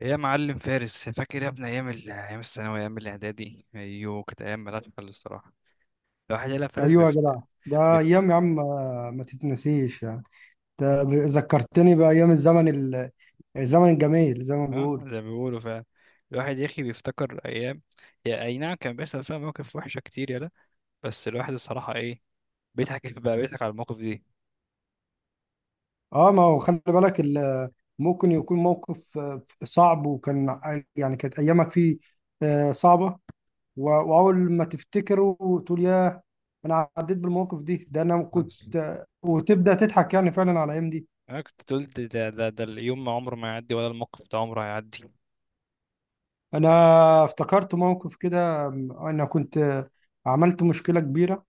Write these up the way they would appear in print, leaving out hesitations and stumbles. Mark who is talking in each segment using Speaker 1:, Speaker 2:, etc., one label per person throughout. Speaker 1: يا معلم فارس، فاكر يا ابني ايام ايام الثانويه، ايام الاعدادي؟ ايوه، كانت ايام ملهاش حل الصراحه. الواحد يلا فارس
Speaker 2: ايوه يا جدع. ده
Speaker 1: بيفت...
Speaker 2: ايام يا عم، ما تتنسيش يعني. ذكرتني بايام الزمن الجميل زي ما
Speaker 1: اه،
Speaker 2: بيقول.
Speaker 1: زي ما بيقولوا فعلا. الواحد يا اخي بيفتكر ايام، هي اي نعم كان بيحصل فيها مواقف وحشه كتير يلا، بس الواحد الصراحه ايه، بيضحك بقى، بيضحك على المواقف دي.
Speaker 2: اه، ما هو خلي بالك. ممكن يكون موقف صعب، يعني كانت ايامك فيه صعبه. و... واول ما تفتكره وتقول ياه، انا عديت بالمواقف دي. ده انا
Speaker 1: آه.
Speaker 2: كنت. وتبدا تضحك يعني فعلا على الايام دي.
Speaker 1: انا كنت قلت ده اليوم ما عمره ما يعدي، ولا الموقف ده عمره هيعدي.
Speaker 2: انا افتكرت موقف كده. انا كنت. عملت مشكله كبيره،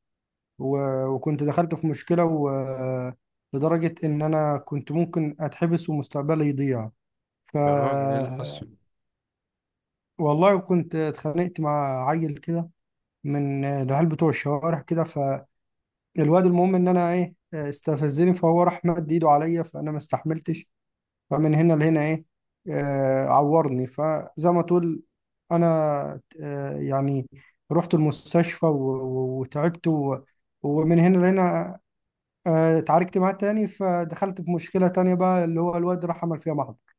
Speaker 2: و- وكنت دخلت في مشكلة. لدرجة إن أنا كنت ممكن أتحبس ومستقبلي يضيع. ف
Speaker 1: يا راجل، ايه اللي حصل؟
Speaker 2: والله كنت اتخانقت مع عيل كده، من العيال بتوع الشوارع كده. فالواد المهم إن أنا إيه استفزني، فهو راح مد إيده عليا، فأنا ما استحملتش. فمن هنا لهنا إيه، عورني. فزي ما تقول، أنا آه، يعني رحت المستشفى و- و- وتعبت ومن هنا لهنا اتعاركت معاه تاني، فدخلت في مشكلة تانية بقى، اللي هو الواد راح عمل فيها محضر.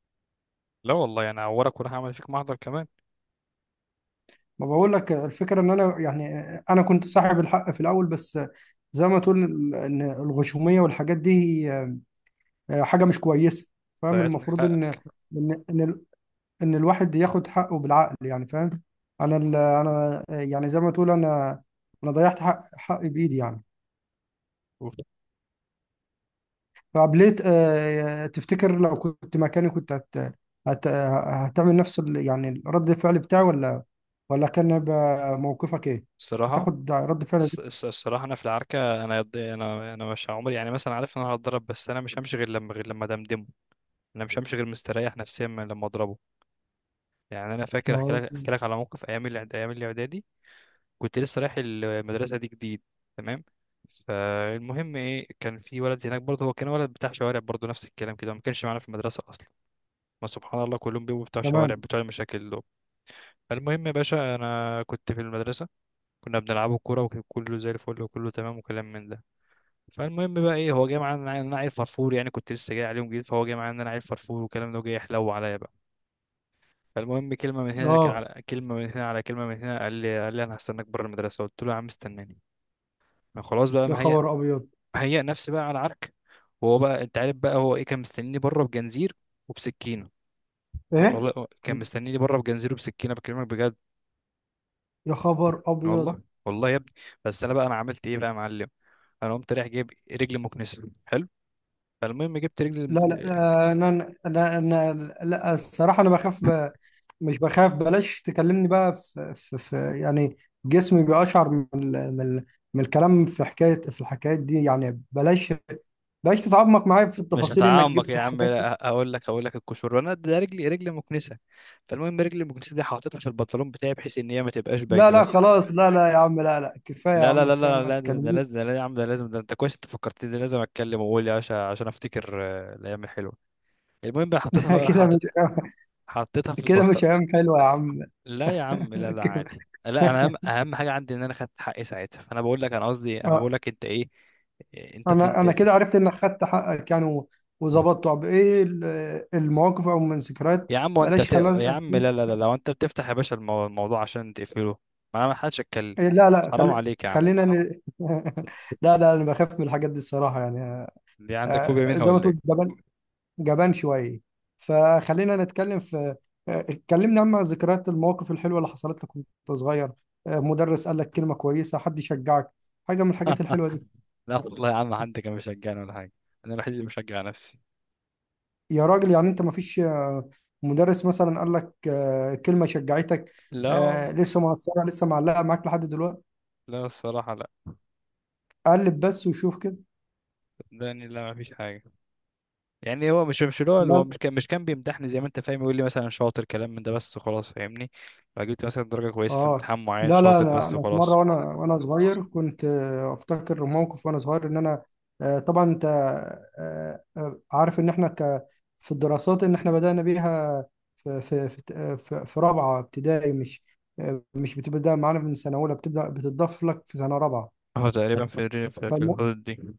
Speaker 1: لا والله انا هعورك، وراح اعمل فيك محضر كمان.
Speaker 2: ما بقول لك، الفكرة ان انا يعني انا كنت صاحب الحق في الاول، بس زي ما تقول، ان الغشومية والحاجات دي، هي حاجة مش كويسة، فاهم؟
Speaker 1: ضيعت لك
Speaker 2: المفروض
Speaker 1: حقك.
Speaker 2: إن الواحد ياخد حقه بالعقل، يعني فاهم. انا يعني زي ما تقول، انا انا ضيعت حقي بايدي يعني.
Speaker 1: أوف.
Speaker 2: طب ليه؟ تفتكر لو كنت مكاني كنت هتعمل نفس يعني رد الفعل بتاعي، ولا ولا كان هيبقى موقفك ايه؟
Speaker 1: الصراحه،
Speaker 2: هتاخد رد فعل
Speaker 1: الص-
Speaker 2: ده؟
Speaker 1: الص- الصراحه انا في العركه، انا يض- انا انا مش عمري يعني مثلا عارف ان انا هتضرب، بس انا مش همشي غير لما دمدمه. انا مش همشي غير مستريح نفسيا من لما اضربه. يعني انا فاكر، احكي
Speaker 2: اه.
Speaker 1: لك احكي لك على موقف ايام ايام الاعدادي. كنت لسه رايح المدرسه دي جديد، تمام؟ فالمهم ايه، كان في ولد هناك برضه، هو كان ولد بتاع شوارع برضه، نفس الكلام كده، ما كانش معانا في المدرسه اصلا. ما سبحان الله، كلهم بيبقوا بتوع شوارع،
Speaker 2: تمام.
Speaker 1: بتوع المشاكل دول. المهم يا باشا، انا كنت في المدرسه، كنا بنلعبوا كوره وكله زي الفل وكله تمام وكلام من ده. فالمهم بقى ايه، هو جاي معايا ان انا عيل فرفور، يعني كنت لسه جاي عليهم جديد، فهو جاي معايا ان انا عيل فرفور والكلام ده، وجاي يحلو عليا بقى. فالمهم، كلمه من هنا
Speaker 2: اه.
Speaker 1: على كلمه من هنا على كلمه من هنا، قال لي انا هستناك بره المدرسه. قلت له يا عم استناني. ما خلاص بقى،
Speaker 2: يا
Speaker 1: مهيأ،
Speaker 2: خبر ابيض!
Speaker 1: مهيأ نفسي بقى على عرك. وهو بقى، انت عارف بقى هو ايه؟ كان مستنيني بره بجنزير وبسكينه.
Speaker 2: ايه؟
Speaker 1: والله كان مستنيني بره بجنزير وبسكينه، بكلمك بجد.
Speaker 2: يا خبر ابيض!
Speaker 1: والله والله يا ابني. بس انا بقى انا عملت ايه بقى يا معلم؟ انا قمت رايح جايب رجل مكنسه، حلو؟ فالمهم جبت رجل.
Speaker 2: لا، لا، انا انا. لا، الصراحه انا مش بخاف، بلاش تكلمني بقى في, يعني. جسمي بيقشعر من الكلام، في حكايه، في الحكايات دي، يعني بلاش، بلاش تتعمق معايا في
Speaker 1: مش
Speaker 2: التفاصيل انك
Speaker 1: هتعمق
Speaker 2: جبت
Speaker 1: يا عم،
Speaker 2: حاجات.
Speaker 1: لا، هقول لك، هقول لك الكشور. انا ده، رجلي، رجلي مكنسه. فالمهم، رجلي المكنسه دي حاططها في البنطلون بتاعي بحيث ان هي ما تبقاش
Speaker 2: لا
Speaker 1: باينه
Speaker 2: لا،
Speaker 1: بس.
Speaker 2: خلاص، لا لا يا عم، لا لا كفايه يا
Speaker 1: لا لا
Speaker 2: عم،
Speaker 1: لا
Speaker 2: كفايه
Speaker 1: لا
Speaker 2: ما
Speaker 1: لا، ده
Speaker 2: تكلمنيش.
Speaker 1: لازم، ده لا يا عم ده لازم، ده انت كويس، انت فكرتني، ده لازم اتكلم واقول، يا عشان افتكر الايام الحلوه. المهم بقى حطيتها بقى،
Speaker 2: كده مش،
Speaker 1: حطيتها في
Speaker 2: كده
Speaker 1: البنطلون.
Speaker 2: مش ايام حلوه يا عم.
Speaker 1: لا يا عم لا لا
Speaker 2: كده.
Speaker 1: عادي، لا انا، اهم حاجه عندي ان انا خدت حقي ساعتها. فانا بقول لك، انا قصدي انا بقول لك انت ايه، انت
Speaker 2: انا
Speaker 1: انت
Speaker 2: انا كده عرفت انك خدت حقك، يعني و- وظبطت. طب ايه المواقف او من ذكريات؟
Speaker 1: يا عم وانت
Speaker 2: بلاش،
Speaker 1: بت...
Speaker 2: خلاص.
Speaker 1: يا عم لا لا لا، لو انت بتفتح يا باشا الموضوع عشان تقفله، ما حدش اتكلم.
Speaker 2: إيه، لا لا،
Speaker 1: حرام عليك يا عم.
Speaker 2: خلينا لا لا، انا بخاف من الحاجات دي الصراحه، يعني
Speaker 1: دي عندك فوبيا منها
Speaker 2: زي ما
Speaker 1: ولا
Speaker 2: تقول،
Speaker 1: ايه؟
Speaker 2: جبان، جبان شويه. فخلينا نتكلم في آه، اتكلمنا عن ذكريات المواقف الحلوه اللي حصلت لك وانت صغير. مدرس قال لك كلمه كويسه، حد يشجعك، حاجه من الحاجات الحلوه دي.
Speaker 1: لا والله يا عم، حد كان مشجعني ولا حاجه. انا الوحيد اللي بشجع نفسي.
Speaker 2: يا راجل، يعني انت مفيش مدرس مثلا قال لك كلمة شجعتك،
Speaker 1: لا والله.
Speaker 2: لسه مؤثرة، لسه معلقة معاك لحد دلوقتي؟
Speaker 1: لا الصراحه لا.
Speaker 2: قلب بس وشوف كده.
Speaker 1: صدقني لا، ما فيش حاجه. يعني هو مش اللي هو
Speaker 2: لا.
Speaker 1: مش كان بيمدحني زي ما انت فاهم، يقول لي مثلا شاطر، كلام من ده بس، خلاص، فاهمني؟ فجبت مثلا درجه كويسه في
Speaker 2: اه
Speaker 1: امتحان معين،
Speaker 2: لا لا،
Speaker 1: شاطر
Speaker 2: انا
Speaker 1: بس
Speaker 2: انا في مره
Speaker 1: وخلاص.
Speaker 2: وانا وانا صغير كنت، افتكر موقف وانا صغير، ان انا، طبعا انت عارف ان احنا في الدراسات، ان احنا بدانا بيها في رابعه ابتدائي، مش مش بتبدا معانا من سنه اولى، بتبدا بتضاف لك في سنه رابعه.
Speaker 1: هو تقريبا في في الحدود دي.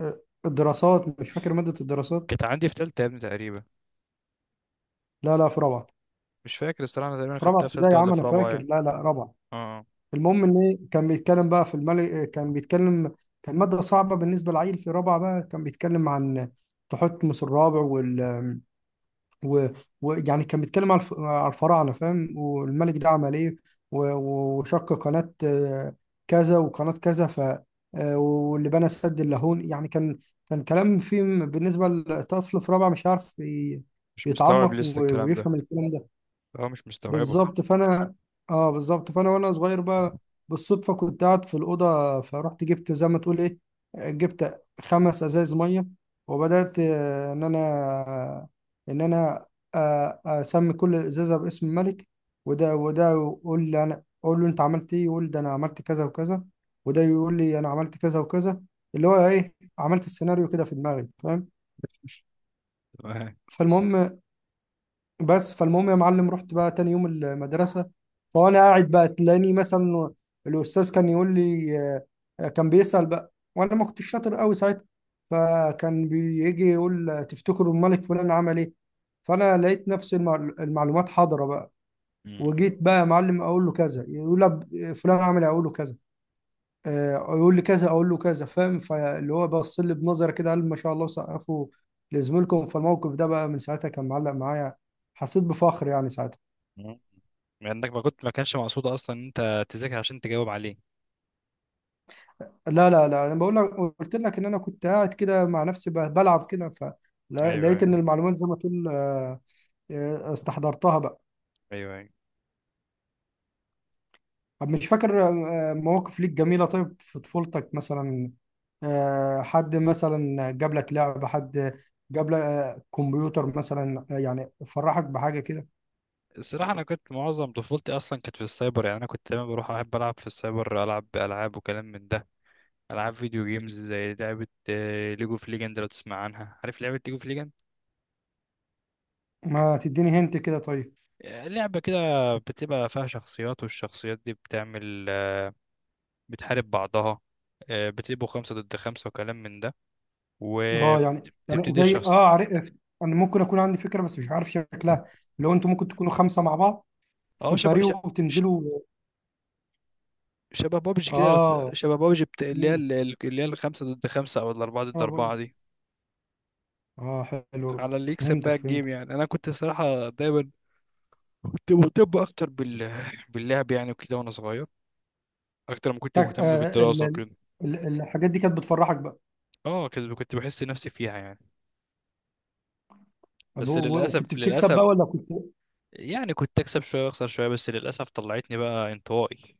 Speaker 2: آه، الدراسات، مش فاكر مادة الدراسات؟
Speaker 1: كانت عندي في تالتة يا ابني تقريبا،
Speaker 2: لا لا، في رابعة،
Speaker 1: مش فاكر الصراحه، انا تقريبا
Speaker 2: في رابعة
Speaker 1: خدتها في
Speaker 2: ابتدائي
Speaker 1: تالتة
Speaker 2: يا
Speaker 1: ولا
Speaker 2: عم،
Speaker 1: في
Speaker 2: أنا
Speaker 1: رابعه
Speaker 2: فاكر،
Speaker 1: يعني.
Speaker 2: لا لا رابعة.
Speaker 1: اه،
Speaker 2: المهم إن إيه، كان بيتكلم بقى في الملك، كان بيتكلم، كان مادة صعبة بالنسبة للعيل في رابعة، بقى كان بيتكلم عن تحتمس الرابع وال و- ويعني كان بيتكلم على على الفراعنه، فاهم؟ والملك ده عمل ايه، و- و- وشق قناه كذا، وقناه كذا، ف آه، واللي بنى سد اللاهون، يعني كان، كان كلام فيه بالنسبه لطفل في رابعه، مش
Speaker 1: مش مستوعب
Speaker 2: يتعمق
Speaker 1: لسه الكلام ده،
Speaker 2: ويفهم الكلام ده.
Speaker 1: هو مش مستوعبه.
Speaker 2: بالظبط، فانا، اه بالظبط، فانا وانا صغير بقى، بالصدفه كنت قاعد في الاوضه، فرحت جبت زي ما تقول ايه، جبت خمس ازايز ميه، وبدات، ان انا، ان انا، اسمي كل ازازه باسم الملك. وده وده يقول لي، انا اقول له انت عملت ايه، يقول ده انا عملت كذا وكذا، وده يقول لي انا عملت كذا وكذا، اللي هو ايه، عملت السيناريو كده في دماغي، فاهم؟
Speaker 1: تمام.
Speaker 2: فالمهم، بس فالمهم يا معلم، رحت بقى تاني يوم المدرسة، فأنا قاعد بقى، تلاقيني مثلا الأستاذ كان يقول لي، كان بيسأل بقى، وأنا ما كنتش شاطر قوي ساعتها، فكان بيجي يقول تفتكروا الملك فلان عمل إيه، فأنا لقيت نفس المعلومات حاضرة بقى.
Speaker 1: مم.
Speaker 2: وجيت بقى يا معلم أقول له كذا، يقول لي فلان عمل إيه؟ أقول له كذا، يقول لي كذا اقول له كذا، فاهم؟ فاللي هو بص لي بنظره كده، قال ما شاء الله، سقفوا لزميلكم. فالموقف ده بقى من ساعتها كان معلق معايا، حسيت بفخر يعني ساعتها.
Speaker 1: مم. لانك ما كنت، ما كانش مقصود اصلا ان انت تذاكر عشان تجاوب عليه.
Speaker 2: لا لا لا، انا بقول لك، قلت لك ان انا كنت قاعد كده مع نفسي بلعب كده،
Speaker 1: ايوه
Speaker 2: فلقيت ان
Speaker 1: ايوه.
Speaker 2: المعلومات زي ما تقول، استحضرتها بقى.
Speaker 1: ايوه ايوه.
Speaker 2: طب مش فاكر مواقف ليك جميله، طيب في طفولتك مثلا، حد مثلا جاب لك لعبه، حد جاب لك كمبيوتر مثلا، يعني فرحك بحاجه كده؟
Speaker 1: الصراحه انا كنت معظم طفولتي اصلا كانت في السايبر، يعني انا كنت دايما بروح، احب العب في السايبر، العب العاب وكلام من ده. العاب فيديو جيمز، زي لعبه ليجو اوف ليجند، لو تسمع عنها، عارف لعبه ليجو اوف ليجند؟
Speaker 2: ما تديني هنت كده طيب.
Speaker 1: لعبه كده، بتبقى فيها شخصيات، والشخصيات دي بتعمل بتحارب بعضها، بتبقوا خمسة ضد خمسة وكلام من ده،
Speaker 2: اه، يعني
Speaker 1: وبتبتدي
Speaker 2: زي
Speaker 1: الشخص.
Speaker 2: اه، عارف، انا ممكن اكون عندي فكره، بس مش عارف شكلها. لو انتوا ممكن تكونوا خمسه مع بعض
Speaker 1: اه،
Speaker 2: في
Speaker 1: شبه
Speaker 2: فريق
Speaker 1: ش-
Speaker 2: وتنزلوا.
Speaker 1: شبه بابجي كده، لو
Speaker 2: اه.
Speaker 1: شبه بابجي اللي هي
Speaker 2: مم.
Speaker 1: ال- ال- اللي هي الخمسة ضد خمسة أو الأربعة ضد
Speaker 2: اه
Speaker 1: أربعة
Speaker 2: بقول.
Speaker 1: دي،
Speaker 2: اه. حلو.
Speaker 1: على اللي يكسب بقى
Speaker 2: فهمتك
Speaker 1: الجيم.
Speaker 2: فهمتك.
Speaker 1: يعني أنا كنت الصراحة دايما كنت مهتم أكتر باللعب يعني، وكده وأنا صغير، أكتر ما كنت
Speaker 2: تك...
Speaker 1: مهتم
Speaker 2: آه ال...
Speaker 1: بالدراسة
Speaker 2: ال...
Speaker 1: وكده.
Speaker 2: ال- الحاجات دي كانت بتفرحك بقى؟
Speaker 1: اه، كده كنت بحس نفسي فيها يعني.
Speaker 2: طب و-
Speaker 1: بس
Speaker 2: و-
Speaker 1: للأسف
Speaker 2: وكنت بتكسب
Speaker 1: للأسف
Speaker 2: بقى ولا كنت؟
Speaker 1: يعني كنت أكسب شوية وأخسر شوية، بس للأسف طلعتني بقى انطوائي.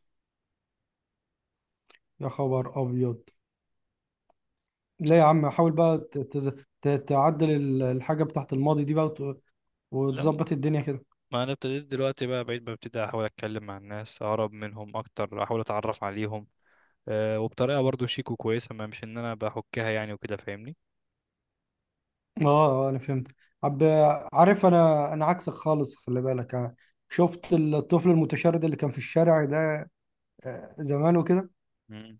Speaker 2: يا خبر ابيض! لا يا عم، حاول بقى تعدل الحاجه بتاعت الماضي دي بقى،
Speaker 1: لا،
Speaker 2: وتظبط الدنيا كده.
Speaker 1: ما انا ابتديت دلوقتي بقى، بعيد ما ابتدي احاول اتكلم مع الناس، اقرب منهم اكتر، احاول اتعرف عليهم. أه، وبطريقه برضو شيك وكويسه، ما مش ان انا بحكها يعني، وكده، فاهمني؟
Speaker 2: اه، اه انا فهمت. عب عارف، انا عكسك خالص، خلي بالك، أنا شفت الطفل المتشرد اللي كان في الشارع ده زمان وكده،
Speaker 1: مم.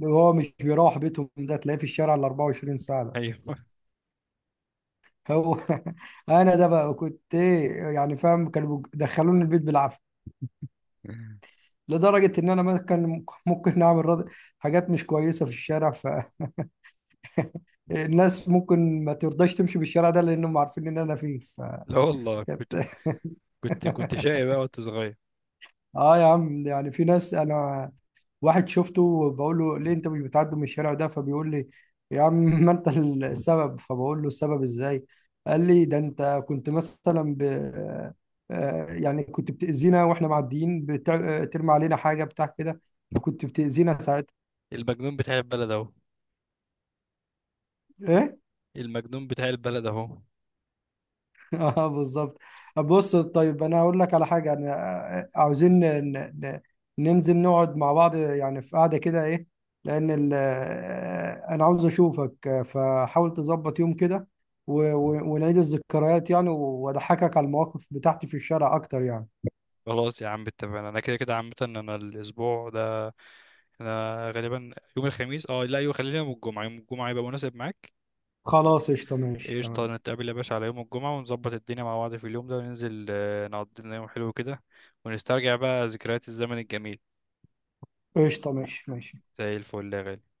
Speaker 2: اللي هو مش بيروح بيته، ده تلاقيه في الشارع ال 24 ساعة. ده
Speaker 1: ايوه.
Speaker 2: هو انا. ده بقى كنت ايه يعني، فاهم؟ كانوا دخلوني البيت بالعافية، لدرجة ان انا ما كان ممكن نعمل حاجات مش كويسة في الشارع. فالناس ممكن ما ترضاش تمشي بالشارع ده، لانهم عارفين ان انا فيه.
Speaker 1: لا والله كنت
Speaker 2: فكانت
Speaker 1: كنت كنت شقي بقى وأنت صغير.
Speaker 2: اه يا عم، يعني في ناس، انا واحد شفته بقول له ليه انت مش بتعدي من الشارع ده، فبيقول لي يا عم، ما انت السبب. فبقول له السبب ازاي، قال لي ده انت كنت مثلا ب... آه، يعني كنت بتأذينا واحنا معديين، بترمي علينا حاجة بتاع كده، فكنت بتأذينا ساعتها.
Speaker 1: المجنون بتاع البلد أهو.
Speaker 2: ايه.
Speaker 1: المجنون بتاع البلد أهو.
Speaker 2: اه بالظبط. بص طيب، انا هقول لك على حاجه، انا عاوزين ن- ننزل نقعد مع بعض، يعني في قعده كده ايه، لان انا عاوز اشوفك، فحاول تظبط يوم كده و- و- ونعيد الذكريات، يعني واضحكك على المواقف بتاعتي في الشارع اكتر يعني.
Speaker 1: خلاص يا عم اتفقنا، أنا كده كده عامة، أنا الأسبوع ده أنا غالبا يوم الخميس، أه لا يوم، خلينا يوم الجمعة، يوم الجمعة يبقى مناسب معاك.
Speaker 2: خلاص قشطه، ماشي،
Speaker 1: قشطة،
Speaker 2: تمام.
Speaker 1: نتقابل يا باشا على يوم الجمعة، ونظبط الدنيا مع بعض في اليوم ده، وننزل نقضي لنا يوم حلو كده، ونسترجع بقى ذكريات الزمن الجميل.
Speaker 2: قشطه، ماشي ماشي.
Speaker 1: زي الفل يا غالي.